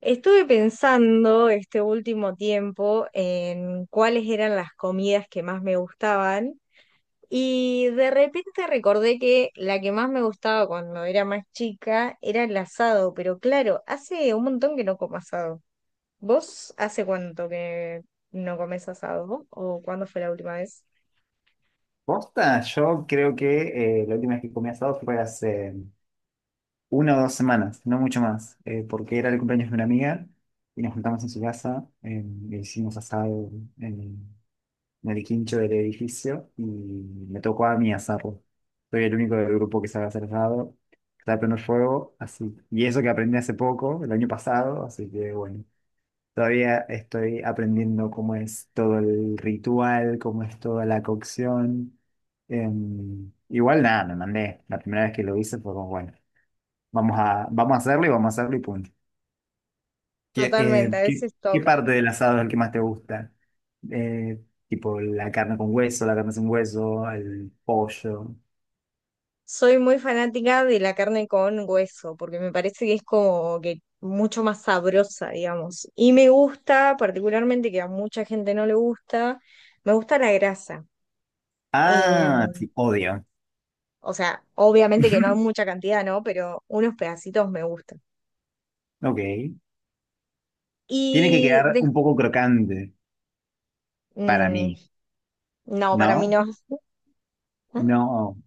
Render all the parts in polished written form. Estuve pensando este último tiempo en cuáles eran las comidas que más me gustaban y de repente recordé que la que más me gustaba cuando era más chica era el asado, pero claro, hace un montón que no como asado. ¿Vos hace cuánto que no comes asado o cuándo fue la última vez? Posta, yo creo que la última vez que comí asado fue hace una o dos semanas, no mucho más, porque era el cumpleaños de una amiga y nos juntamos en su casa, e hicimos asado en, en el quincho del edificio y me tocó a mí asarlo. Soy el único del grupo que sabe hacer asado, que sabe prender fuego, así. Y eso que aprendí hace poco, el año pasado, así que bueno. Todavía estoy aprendiendo cómo es todo el ritual, cómo es toda la cocción. Igual nada, me mandé. La primera vez que lo hice fue como, bueno, vamos a hacerlo y vamos a hacerlo y punto. ¿Qué, eh, Totalmente, a qué, veces qué toca. parte del asado es el que más te gusta? Eh, Tipo la carne con hueso, la carne sin hueso, el pollo. Soy muy fanática de la carne con hueso, porque me parece que es como que mucho más sabrosa, digamos. Y me gusta, particularmente, que a mucha gente no le gusta, me gusta la grasa. Eh, Ah, sí, odio. o sea, obviamente que no en mucha cantidad, ¿no? Pero unos pedacitos me gustan. Ok. Tiene que Y quedar de- un poco crocante para mm, mí, no, para mí ¿no? no. No,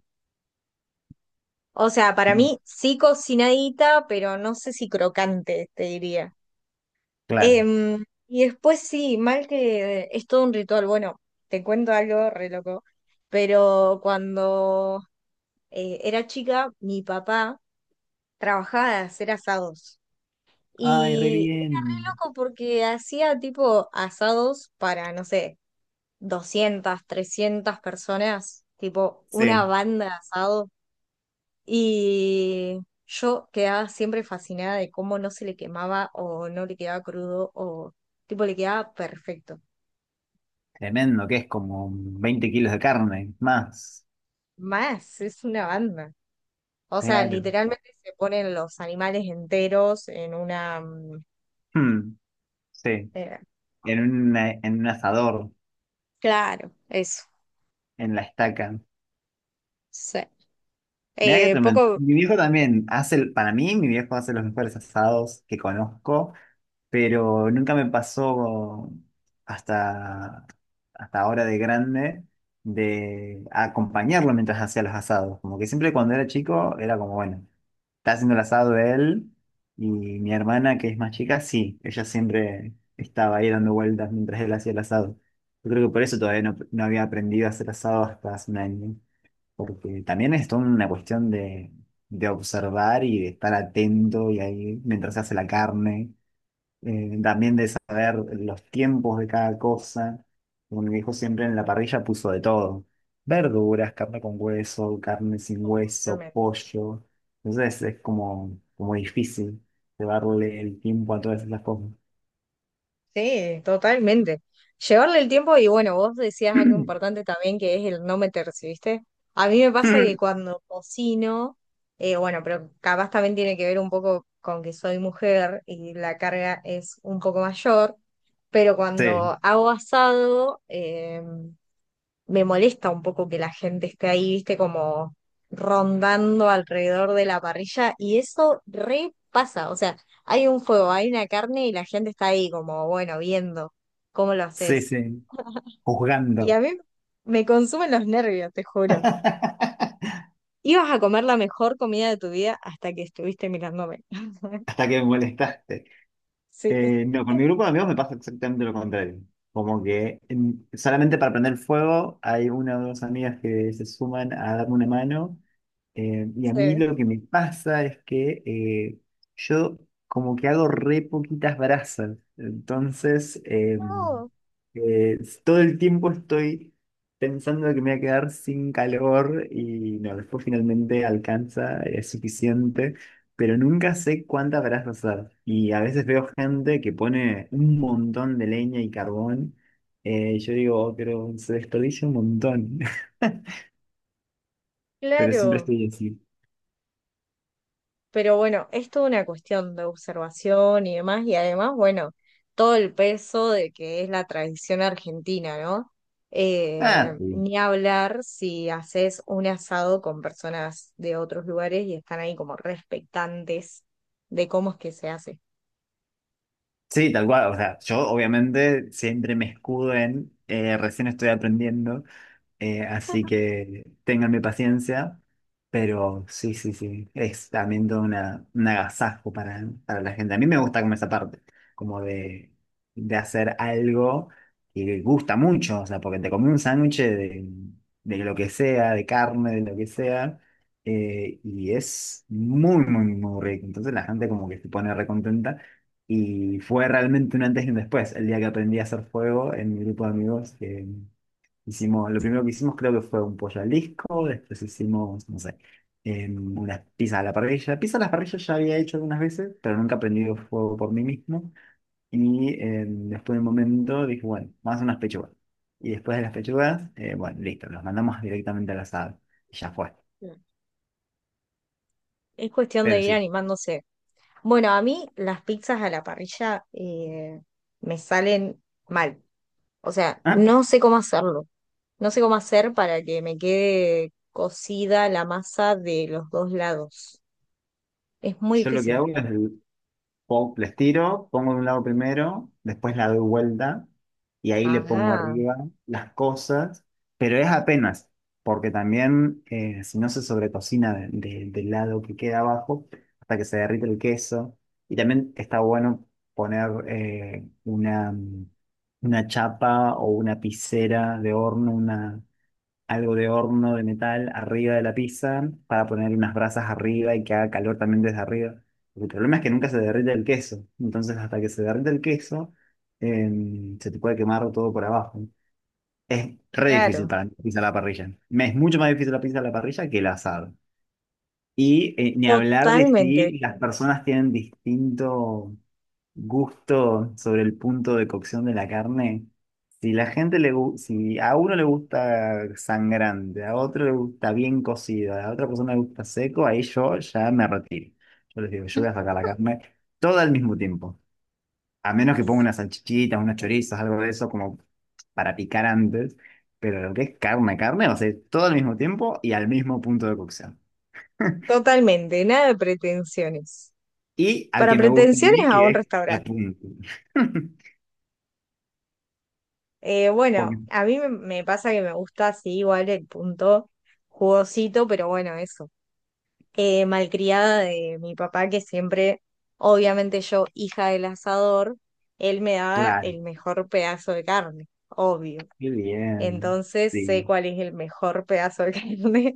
O sea, para mí sí cocinadita, pero no sé si crocante, te diría. claro. Y después sí, mal que es todo un ritual. Bueno, te cuento algo re loco, pero cuando era chica, mi papá trabajaba de hacer asados. Ay, re Y era bien. re loco porque hacía tipo asados para, no sé, 200, 300 personas, tipo una Sí, banda de asado. Y yo quedaba siempre fascinada de cómo no se le quemaba o no le quedaba crudo o tipo le quedaba perfecto. tremendo, que es como 20 kilos de carne, más. Más, es una banda. O sea, Claro. literalmente se ponen los animales enteros en una... Hmm, sí, eh, en, un, en un asador, Claro, eso. en la estaca. Sí. Mirá que tremendo. Poco. Mi viejo también hace, para mí, mi viejo hace los mejores asados que conozco. Pero nunca me pasó hasta, hasta ahora de grande de acompañarlo mientras hacía los asados. Como que siempre cuando era chico era como, bueno, está haciendo el asado él y mi hermana que es más chica, sí, ella siempre estaba ahí dando vueltas mientras él hacía el asado. Yo creo que por eso todavía no había aprendido a hacer asado hasta hace un año, porque también es toda una cuestión de observar y de estar atento y ahí mientras se hace la carne también de saber los tiempos de cada cosa. Como mi viejo siempre en la parrilla puso de todo. Verduras, carne con hueso, carne sin hueso, Totalmente. pollo. Entonces es como difícil llevarle el tiempo a todas esas cosas. Sí, totalmente. Llevarle el tiempo y bueno, vos decías algo importante también que es el no meterse, ¿viste? A mí me pasa que cuando cocino, bueno, pero capaz también tiene que ver un poco con que soy mujer y la carga es un poco mayor, pero Sí, cuando hago asado, me molesta un poco que la gente esté ahí, viste, como rondando alrededor de la parrilla y eso repasa, o sea, hay un fuego, hay una carne y la gente está ahí como, bueno, viendo cómo lo sí, haces. sí, Y a juzgando. mí me consumen los nervios, te juro. Hasta Ibas a comer la mejor comida de tu vida hasta que estuviste mirándome. que me molestaste. Sí, No, con mi grupo de amigos me pasa exactamente lo contrario. Como que solamente para prender fuego hay una o dos amigas que se suman a darme una mano. Y a mí sí. lo que me pasa es que yo como que hago re poquitas brasas, entonces No, todo el tiempo estoy pensando que me voy a quedar sin calor y no, después finalmente alcanza, es suficiente, pero nunca sé cuántas brasas usar. Y a veces veo gente que pone un montón de leña y carbón, y yo digo, "Oh, pero se desperdicia un montón". Pero siempre claro. estoy así. Pero bueno, es toda una cuestión de observación y demás, y además, bueno, todo el peso de que es la tradición argentina, ¿no? Ah, sí. Ni hablar si haces un asado con personas de otros lugares y están ahí como respectantes de cómo es que se hace. Sí, tal cual. O sea, yo obviamente siempre me escudo en recién estoy aprendiendo. Así que ténganme paciencia, pero sí, sí, sí, es también todo una, un agasajo para la gente. A mí me gusta como esa parte, como de hacer algo que gusta mucho, o sea, porque te comí un sándwich de lo que sea, de carne, de lo que sea, y es muy, muy, muy rico. Entonces la gente como que se pone recontenta. Y fue realmente un antes y un después, el día que aprendí a hacer fuego en mi grupo de amigos, que hicimos, lo primero que hicimos creo que fue un pollo al disco, después hicimos, no sé, unas pizzas a la parrilla. Pizza a la parrilla ya había hecho algunas veces, pero nunca prendido fuego por mí mismo. Y después de un momento dije, bueno, vamos a hacer unas pechugas. Y después de las pechugas, bueno, listo, los mandamos directamente al asado. Y ya fue. Mm. Es cuestión de Pero ir sí. animándose. Bueno, a mí las pizzas a la parrilla me salen mal. O sea, Ah, no sé cómo hacerlo. No sé cómo hacer para que me quede cocida la masa de los dos lados. Es muy yo lo que difícil. hago es les tiro, pongo de un lado primero, después la doy vuelta y ahí le pongo Ah, arriba las cosas, pero es apenas, porque también si no se sobrecocina del lado que queda abajo hasta que se derrite el queso. Y también está bueno poner una chapa o una picera de horno, una algo de horno de metal arriba de la pizza para poner unas brasas arriba y que haga calor también desde arriba. Porque el problema es que nunca se derrite el queso. Entonces, hasta que se derrite el queso, se te puede quemar todo por abajo. Es re difícil claro. para mí la pizza a la parrilla. Me es mucho más difícil la pizza a la parrilla que el asado. Y ni hablar de Totalmente. si las personas tienen distinto gusto sobre el punto de cocción de la carne. Si la gente le gu- si a uno le gusta sangrante, a otro le gusta bien cocido, a otra persona le gusta seco, ahí yo ya me retiro. Yo les digo, yo voy a sacar la carne toda al mismo tiempo. A menos que ponga unas salchichitas, unos chorizos, algo de eso como para picar antes. Pero lo que es carne, carne, va a ser todo al mismo tiempo y al mismo punto de cocción. Totalmente. Nada de pretensiones. Y al Para que me gusta a pretensiones mí, a que un es la restaurante. punta. Porque, Bueno, a mí me pasa que me gusta así igual el punto jugosito, pero bueno, eso. Eh, malcriada de mi papá, que siempre, obviamente yo, hija del asador, él me daba claro. el mejor pedazo de carne, obvio. Muy bien. Entonces sé Sí. cuál es el mejor pedazo de carne.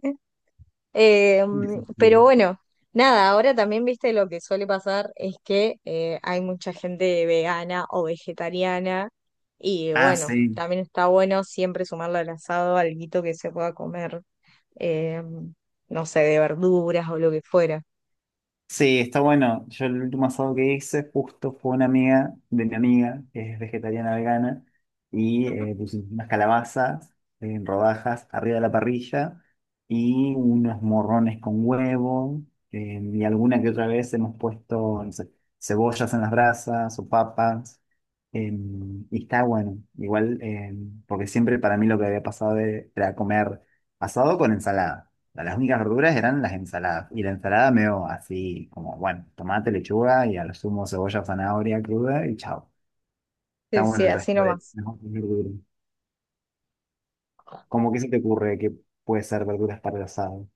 Eh, Sí. pero bueno, Nada, ahora también, viste, lo que suele pasar es que hay mucha gente vegana o vegetariana y Ah, bueno, sí. también está bueno siempre sumarle al asado alguito que se pueda comer, eh, no sé, de verduras o lo que fuera. Sí, está bueno. Yo el último asado que hice justo fue una amiga de mi amiga, que es vegetariana vegana, y pusimos unas calabazas en rodajas arriba de la parrilla y unos morrones con huevo, y alguna que otra vez hemos puesto, no sé, cebollas en las brasas o papas, eh, y está bueno. Igual, porque siempre para mí lo que había pasado era comer asado con ensalada sea, las únicas verduras eran las ensaladas. Y la ensalada medio así, como, bueno, tomate, lechuga y a lo sumo cebolla, zanahoria cruda y chao. Está Sí, bueno sí, el así resto de nomás. las otras verduras. ¿Cómo que se te ocurre que puede ser verduras para el asado?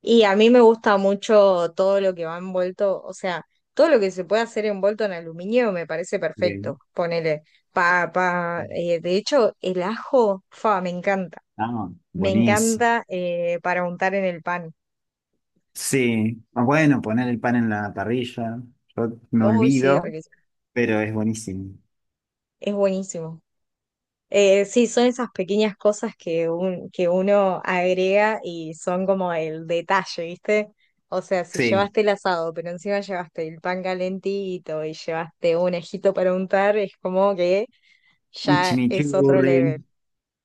Y a mí me gusta mucho todo lo que va envuelto, o sea, todo lo que se puede hacer envuelto en aluminio me parece perfecto. Bien. Ponele papa, de hecho, el ajo, fa, me encanta. Ah, Me buenísimo. encanta para untar en el pan. Sí. Ah, bueno, poner el pan en la parrilla. Yo me Uy, sí, olvido, riquísimo. pero es buenísimo. Es buenísimo. Sí, son esas pequeñas cosas que, que uno agrega y son como el detalle, ¿viste? O sea, si Sí. llevaste el asado, pero encima llevaste el pan calentito y llevaste un ejito para untar, es como que Un ya es otro chimichurri. level.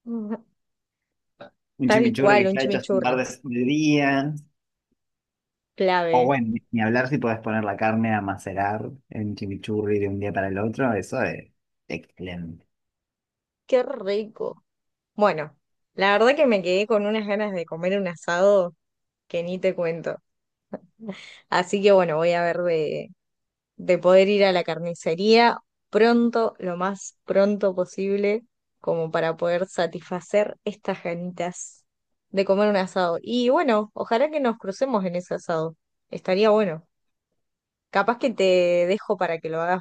Ujú. Un Tal chimichurri que cual, un está hecho hace un par chimichurri, de días. O clave. bueno, ni hablar si podés poner la carne a macerar en chimichurri de un día para el otro, eso es excelente. Qué rico. Bueno, la verdad que me quedé con unas ganas de comer un asado que ni te cuento. Así que bueno, voy a ver de poder ir a la carnicería pronto, lo más pronto posible, como para poder satisfacer estas ganitas de comer un asado. Y bueno, ojalá que nos crucemos en ese asado. Estaría bueno. Capaz que te dejo para que lo hagas